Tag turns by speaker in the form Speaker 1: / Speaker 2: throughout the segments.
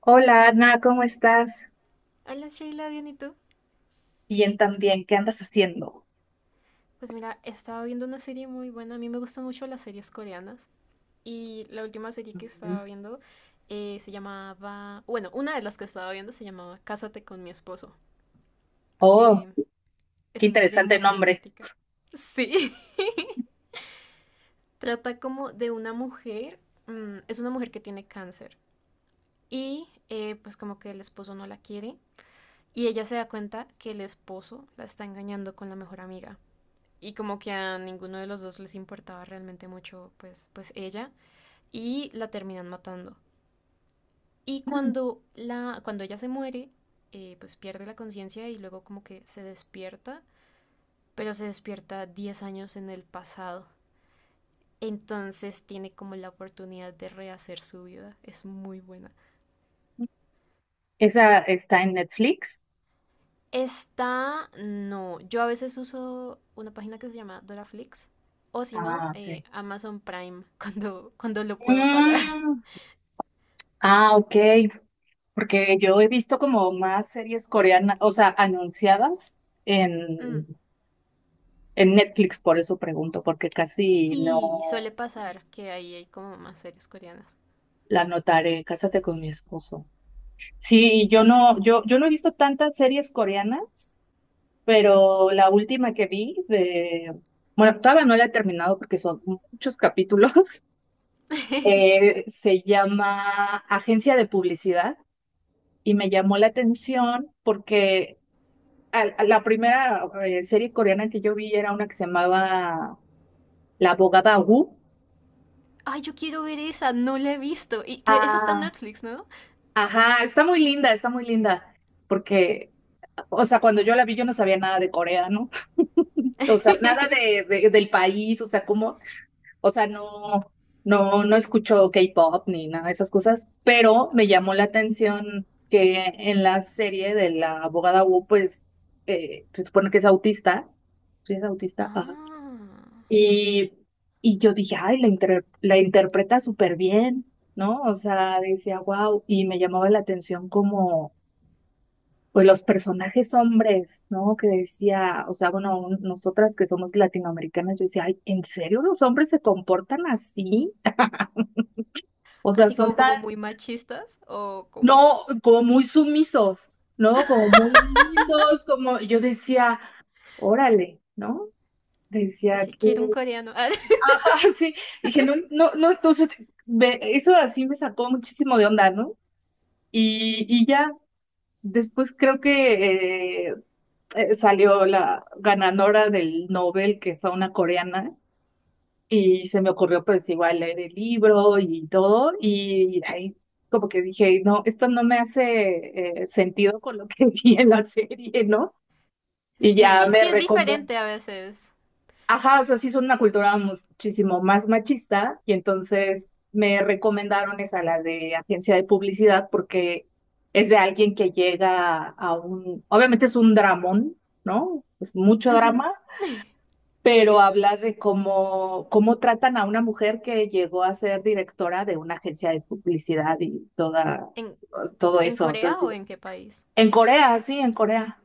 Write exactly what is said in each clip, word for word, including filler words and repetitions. Speaker 1: Hola Ana, ¿cómo estás?
Speaker 2: Hola Sheila, bien, ¿y tú?
Speaker 1: Bien también, ¿qué andas haciendo?
Speaker 2: Pues mira, he estado viendo una serie muy buena. A mí me gustan mucho las series coreanas. Y la última serie que
Speaker 1: Mm.
Speaker 2: estaba viendo eh, se llamaba. Bueno, una de las que estaba viendo se llamaba Cásate con mi esposo.
Speaker 1: Oh,
Speaker 2: Eh, es
Speaker 1: qué
Speaker 2: una serie
Speaker 1: interesante
Speaker 2: muy
Speaker 1: nombre.
Speaker 2: dramática. Sí. Trata como de una mujer. Mm, es una mujer que tiene cáncer. Y eh, pues como que el esposo no la quiere. Y ella se da cuenta que el esposo la está engañando con la mejor amiga. Y como que a ninguno de los dos les importaba realmente mucho pues, pues ella y la terminan matando. Y
Speaker 1: Mm,
Speaker 2: cuando, la, cuando ella se muere, eh, pues pierde la conciencia y luego como que se despierta, pero se despierta diez años en el pasado. Entonces tiene como la oportunidad de rehacer su vida. Es muy buena.
Speaker 1: ¿esa está en Netflix?
Speaker 2: Esta no. Yo a veces uso una página que se llama Doraflix. O si no,
Speaker 1: Ah, ok.
Speaker 2: eh, Amazon Prime cuando, cuando lo puedo pagar.
Speaker 1: Mm, ah, ok, porque yo he visto como más series coreanas, o sea, anunciadas
Speaker 2: Mm.
Speaker 1: en, en Netflix, por eso pregunto, porque casi
Speaker 2: Sí,
Speaker 1: no
Speaker 2: suele pasar que ahí hay como más series coreanas.
Speaker 1: la notaré. Cásate con mi esposo. Sí, yo no, yo, yo no he visto tantas series coreanas. Pero la última que vi de, bueno, todavía no la he terminado porque son muchos capítulos, eh, se llama Agencia de Publicidad y me llamó la atención porque al- a la primera eh, serie coreana que yo vi era una que se llamaba La abogada Wu.
Speaker 2: Ay, yo quiero ver esa, no la he visto. Y cre- esa está en
Speaker 1: Ah,
Speaker 2: Netflix, ¿no?
Speaker 1: ajá, está muy linda, está muy linda, porque, o sea, cuando yo la vi yo no sabía nada de Corea, ¿no? O sea, nada de, de- del país, o sea, cómo. O sea, no, no, no escucho K-pop ni nada de esas cosas, pero me llamó la atención que en la serie de la abogada Wu, pues eh, se supone que es autista, sí es autista, ajá.
Speaker 2: Ah,
Speaker 1: Y, y yo dije, ay, la, inter- la interpreta súper bien, ¿no? O sea, decía, wow, y me llamaba la atención como, pues los personajes hombres, ¿no? Que decía, o sea, bueno, un- nosotras que somos latinoamericanas, yo decía, ay, ¿en serio los hombres se comportan así? O sea,
Speaker 2: así
Speaker 1: son
Speaker 2: como
Speaker 1: tan,
Speaker 2: como muy machistas o como
Speaker 1: no, como muy sumisos, ¿no? Como muy lindos, como yo decía, órale, ¿no? Decía
Speaker 2: así
Speaker 1: que,
Speaker 2: quiero un coreano. Ah,
Speaker 1: ah, sí, dije, no, no, no, entonces, ve- eso así me sacó muchísimo de onda, ¿no? Y, y ya, después creo que eh, eh, salió la ganadora del Nobel, que fue una coreana. Y se me ocurrió pues igual leer el libro y todo, y ahí como que dije, no, esto no me hace eh, sentido con lo que vi en la serie, ¿no? Y ya
Speaker 2: sí,
Speaker 1: me
Speaker 2: sí es
Speaker 1: recomendó,
Speaker 2: diferente a veces.
Speaker 1: ajá, o sea, sí son una cultura muchísimo más machista, y entonces me recomendaron esa, la de agencia de publicidad, porque es de alguien que llega a un, obviamente es un dramón, ¿no? Es mucho
Speaker 2: Ujú.
Speaker 1: drama, pero habla de cómo, cómo tratan a una mujer que llegó a ser directora de una agencia de publicidad y toda,
Speaker 2: ¿En,
Speaker 1: todo
Speaker 2: en
Speaker 1: eso.
Speaker 2: Corea
Speaker 1: Entonces,
Speaker 2: o en qué país?
Speaker 1: en Corea, sí, en Corea.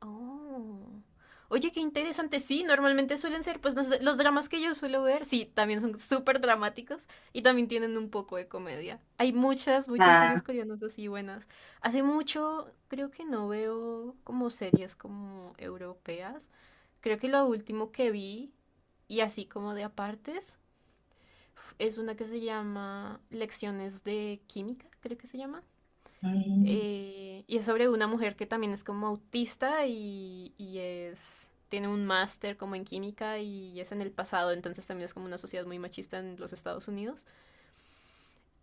Speaker 2: Oh. Oye, qué interesante. Sí, normalmente suelen ser, pues, no sé, los dramas que yo suelo ver, sí, también son súper dramáticos y también tienen un poco de comedia. Hay muchas, muchas series
Speaker 1: Ah,
Speaker 2: coreanas así buenas. Hace mucho creo que no veo como series como europeas. Creo que lo último que vi, y así como de apartes, es una que se llama Lecciones de Química, creo que se llama.
Speaker 1: mm,
Speaker 2: Eh, y es sobre una mujer que también es como autista y, y es, tiene un máster como en química y es en el pasado, entonces también es como una sociedad muy machista en los Estados Unidos.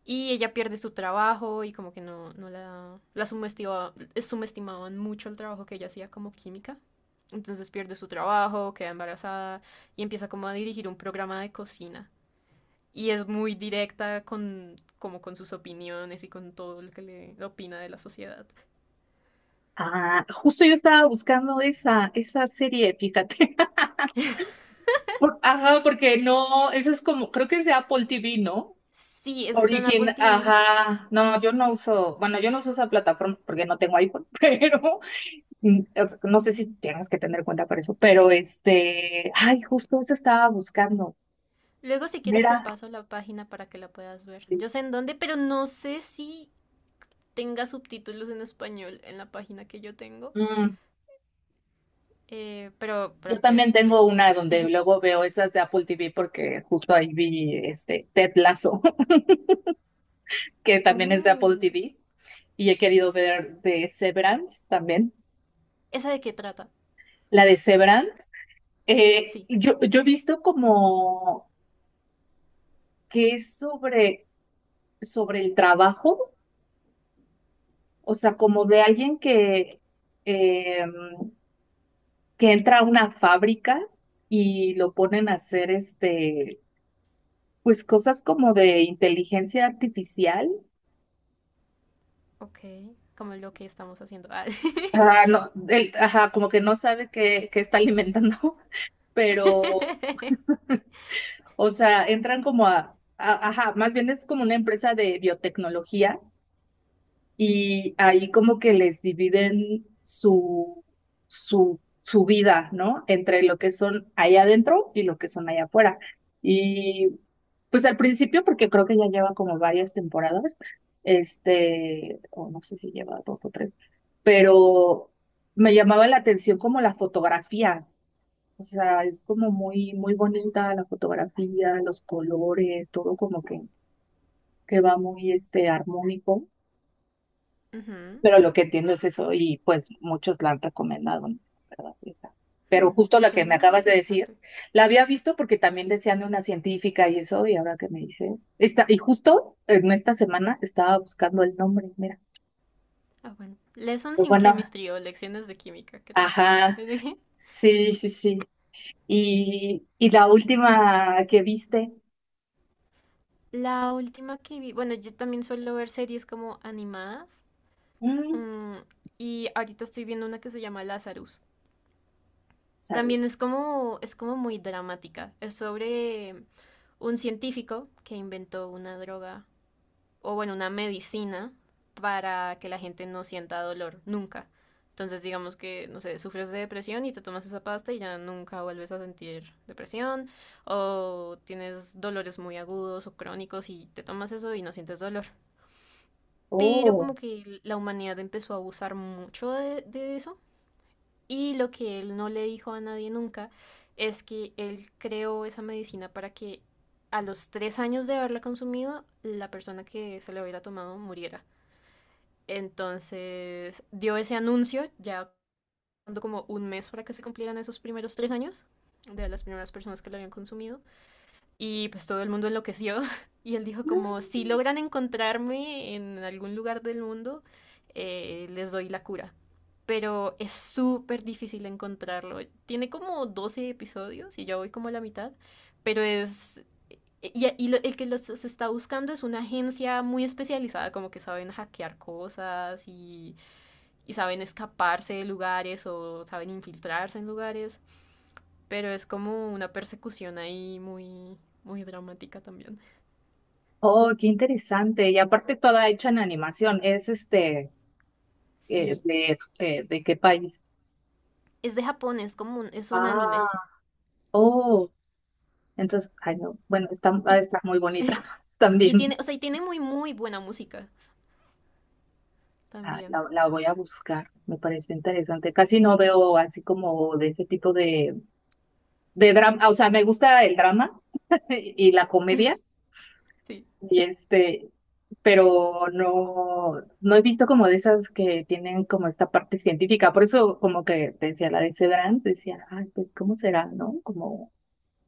Speaker 2: Y ella pierde su trabajo y como que no, no la, la subestima- subestimaban mucho el trabajo que ella hacía como química. Entonces pierde su trabajo, queda embarazada y empieza como a dirigir un programa de cocina. Y es muy directa con, como con sus opiniones y con todo lo que le opina de la sociedad.
Speaker 1: ah, justo yo estaba buscando esa, esa serie, fíjate. Por- ajá, porque no, eso es como, creo que es de Apple T V, ¿no?
Speaker 2: Sí, eso está en
Speaker 1: Origen,
Speaker 2: Apple T V.
Speaker 1: ajá, no, yo no uso, bueno, yo no uso esa plataforma porque no tengo iPhone, pero mm, es- no sé si tienes que tener cuenta para eso, pero este, ay, justo eso estaba buscando.
Speaker 2: Luego, si quieres, te
Speaker 1: Mira,
Speaker 2: paso la página para que la puedas ver. Yo sé en dónde, pero no sé si tenga subtítulos en español en la página que yo tengo.
Speaker 1: mm,
Speaker 2: Eh, pero,
Speaker 1: yo
Speaker 2: pero
Speaker 1: también
Speaker 2: pues,
Speaker 1: tengo
Speaker 2: pues eso.
Speaker 1: una donde luego veo esas de Apple T V porque justo ahí vi este Ted Lasso, que también es de Apple
Speaker 2: Oh,
Speaker 1: T V, y he querido ver de Severance también.
Speaker 2: ¿esa de qué trata?
Speaker 1: La de Severance, eh,
Speaker 2: Sí,
Speaker 1: yo, yo he visto como que es sobre, sobre el trabajo, o sea, como de alguien que... em, que entra a una fábrica y lo ponen a hacer este, pues cosas como de inteligencia artificial.
Speaker 2: ok. Como lo que estamos haciendo. Ah.
Speaker 1: Ah, no, él, ajá, como que no sabe qué, qué está alimentando, pero, o sea, entran como a, a- ajá, más bien es como una empresa de biotecnología y ahí como que les dividen su, su, su vida, ¿no? Entre lo que son allá adentro y lo que son allá afuera. Y pues al principio, porque creo que ya lleva como varias temporadas, este, o no sé si lleva dos o tres, pero me llamaba la atención como la fotografía. O sea, es como muy, muy bonita la fotografía, los colores, todo como que, que va muy, este, armónico.
Speaker 2: Ujú.
Speaker 1: Pero lo que entiendo es eso y pues muchos la han recomendado, ¿no? La ¿verdad? Esa. Pero
Speaker 2: Hmm,
Speaker 1: justo la que
Speaker 2: suena
Speaker 1: me
Speaker 2: muy
Speaker 1: acabas de decir,
Speaker 2: interesante.
Speaker 1: la había visto porque también decían de una científica y eso, y ahora que me dices, esta, y justo en esta semana estaba buscando el nombre, mira.
Speaker 2: Ah, bueno. Lessons
Speaker 1: Pero
Speaker 2: in
Speaker 1: bueno,
Speaker 2: Chemistry o lecciones de química, creo. Sí.
Speaker 1: ajá, sí, sí, sí. Y, y la última que viste,
Speaker 2: La última que vi, bueno, yo también suelo ver series como animadas,
Speaker 1: mm,
Speaker 2: mm, y ahorita estoy viendo una que se llama Lazarus.
Speaker 1: Saru.
Speaker 2: También es como, es como muy dramática. Es sobre un científico que inventó una droga, o bueno, una medicina para que la gente no sienta dolor, nunca. Entonces, digamos que, no sé, sufres de depresión y te tomas esa pasta y ya nunca vuelves a sentir depresión, o tienes dolores muy agudos o crónicos y te tomas eso y no sientes dolor. Pero
Speaker 1: Oh,
Speaker 2: como que la humanidad empezó a abusar mucho de, de eso, y lo que él no le dijo a nadie nunca es que él creó esa medicina para que a los tres años de haberla consumido, la persona que se la hubiera tomado muriera. Entonces dio ese anuncio ya como un mes para que se cumplieran esos primeros tres años de las primeras personas que lo habían consumido. Y pues todo el mundo enloqueció. Y él dijo como,
Speaker 1: mm,
Speaker 2: si logran encontrarme en algún lugar del mundo, eh, les doy la cura. Pero es súper difícil encontrarlo. Tiene como doce episodios y ya voy como a la mitad. Pero es... eh, Y, y lo- el que los está buscando es una agencia muy especializada, como que saben hackear cosas y, y saben escaparse de lugares o saben infiltrarse en lugares. Pero es como una persecución ahí muy, muy dramática también.
Speaker 1: oh, qué interesante. Y aparte toda hecha en animación, es este, eh,
Speaker 2: Sí,
Speaker 1: de, eh, ¿de qué país?
Speaker 2: es de Japón, es como un, es un
Speaker 1: Ah,
Speaker 2: anime.
Speaker 1: oh, entonces, ay, no, bueno, está, ha de
Speaker 2: Y,
Speaker 1: estar muy bonita
Speaker 2: y
Speaker 1: también.
Speaker 2: tiene, o sea, y tiene muy, muy buena música
Speaker 1: Ah,
Speaker 2: también.
Speaker 1: La, la voy a buscar, me pareció interesante. Casi no veo así como de ese tipo de, de drama, o sea, me gusta el drama y la comedia,
Speaker 2: Sí.
Speaker 1: y este, pero no, no he visto como de esas que tienen como esta parte científica. Por eso, como que decía la de Severance, decía, ay, pues, ¿cómo será, no? Como,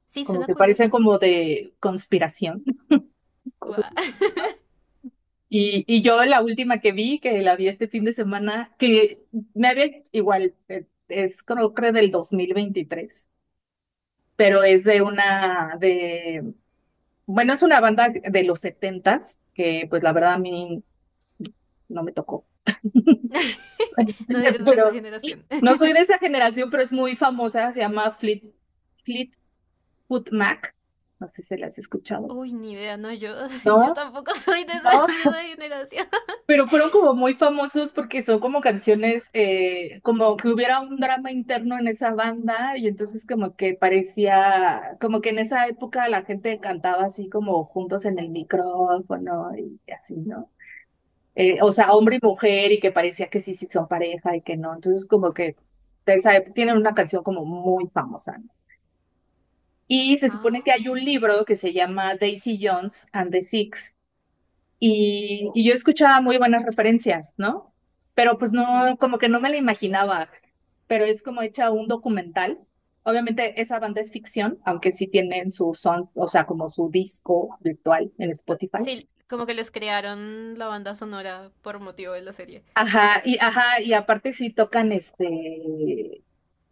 Speaker 2: Sí,
Speaker 1: como
Speaker 2: suena
Speaker 1: que parecen
Speaker 2: curiosa.
Speaker 1: como de conspiración, cosas
Speaker 2: Guau.
Speaker 1: así. Y, y yo la última que vi, que la vi este fin de semana, que me había igual, eh, es creo que del dos mil veintitrés, pero es de una, de, bueno, es una banda de los setentas, que pues la verdad a mí no me tocó.
Speaker 2: No eres de esa
Speaker 1: Pero
Speaker 2: generación.
Speaker 1: no soy de esa generación, pero es muy famosa, se llama Fleet, Fleetwood Mac. No sé si la has escuchado.
Speaker 2: Uy, ni idea, no, yo,
Speaker 1: No,
Speaker 2: yo tampoco soy de esa,
Speaker 1: no,
Speaker 2: de esa generación.
Speaker 1: Pero fueron como muy famosos porque son como canciones, eh, como que hubiera un drama interno en esa banda y entonces como que parecía, como que en esa época la gente cantaba así como juntos en el micrófono y así, ¿no? Eh, o sea, hombre
Speaker 2: Sí.
Speaker 1: y mujer y que parecía que sí, sí son pareja y que no. Entonces como que de esa época tienen una canción como muy famosa, ¿no? Y se supone
Speaker 2: Ah,
Speaker 1: que hay un libro que se llama Daisy Jones and the Six y, y yo escuchaba muy buenas referencias, ¿no? Pero pues no,
Speaker 2: sí.
Speaker 1: como que no me la imaginaba, pero es como hecha un documental. Obviamente esa banda es ficción, aunque sí tienen su son, o sea, como su disco virtual en Spotify.
Speaker 2: Sí, como que les crearon la banda sonora por motivo de la serie.
Speaker 1: Ajá, y ajá, y aparte sí tocan este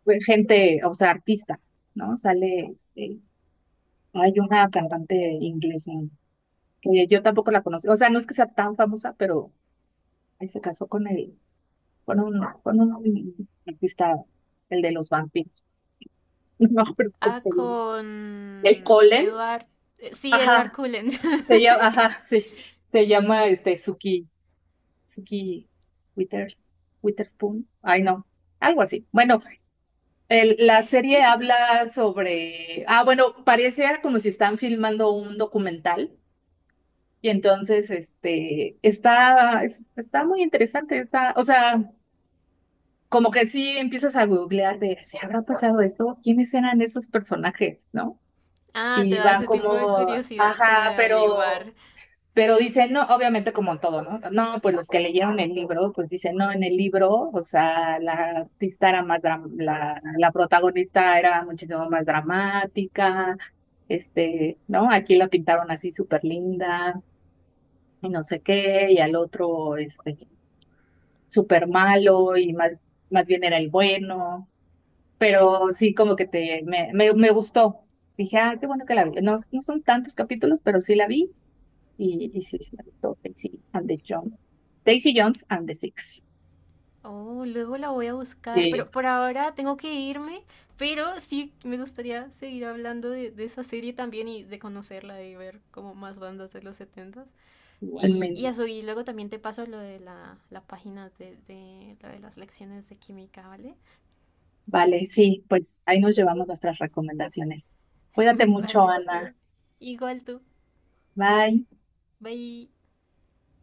Speaker 1: pues, gente, o sea, artista, ¿no? Sale este, hay una cantante inglesa que yo tampoco la conozco, o sea, no es que sea tan famosa, pero ahí se casó con él con un, con un artista, el de los vampiros. No, pero ¿cómo
Speaker 2: Ah,
Speaker 1: se llama? ¿El
Speaker 2: con
Speaker 1: Colin?
Speaker 2: Edward. eh, Sí, Edward
Speaker 1: Ajá,
Speaker 2: Cullen.
Speaker 1: se llama, ajá, sí, se llama este Suki, Suki Withers, Witherspoon. Ay, no, algo así. Bueno, el- la serie habla sobre, ah, bueno, parecía como si están filmando un documental y entonces, este, está, es- está muy interesante, está, o sea, como que sí empiezas a googlear de si habrá pasado esto, quiénes eran esos personajes, ¿no?
Speaker 2: Ah, te
Speaker 1: Y
Speaker 2: da
Speaker 1: van
Speaker 2: ese tipo de
Speaker 1: como,
Speaker 2: curiosidad como
Speaker 1: ajá,
Speaker 2: de averiguar.
Speaker 1: pero, pero dicen, no, obviamente como en todo, ¿no? No, pues los que leyeron el libro, pues dicen, no, en el libro, o sea, la artista era más, dram- la, la protagonista era muchísimo más dramática, este, ¿no? Aquí la pintaron así súper linda y no sé qué, y al otro, este, súper malo y más, más bien era el bueno, pero sí como que te, me, me, me gustó. Dije, ah, qué bueno que la vi. No, no son tantos capítulos, pero sí la vi y, y sí, sí me gustó Daisy and the Jones. Daisy Jones and the Six.
Speaker 2: Oh, luego la voy a buscar,
Speaker 1: Sí,
Speaker 2: pero por ahora tengo que irme, pero sí me gustaría seguir hablando de, de esa serie también y de conocerla y ver como más bandas de los setentas. Y, y
Speaker 1: igualmente.
Speaker 2: eso, y luego también te paso lo de la, la página de, de, lo de las lecciones de química, ¿vale?
Speaker 1: Vale, sí, pues ahí nos llevamos nuestras recomendaciones. Cuídate mucho,
Speaker 2: Vale, está
Speaker 1: Ana.
Speaker 2: bien. Igual tú.
Speaker 1: Bye.
Speaker 2: Bye.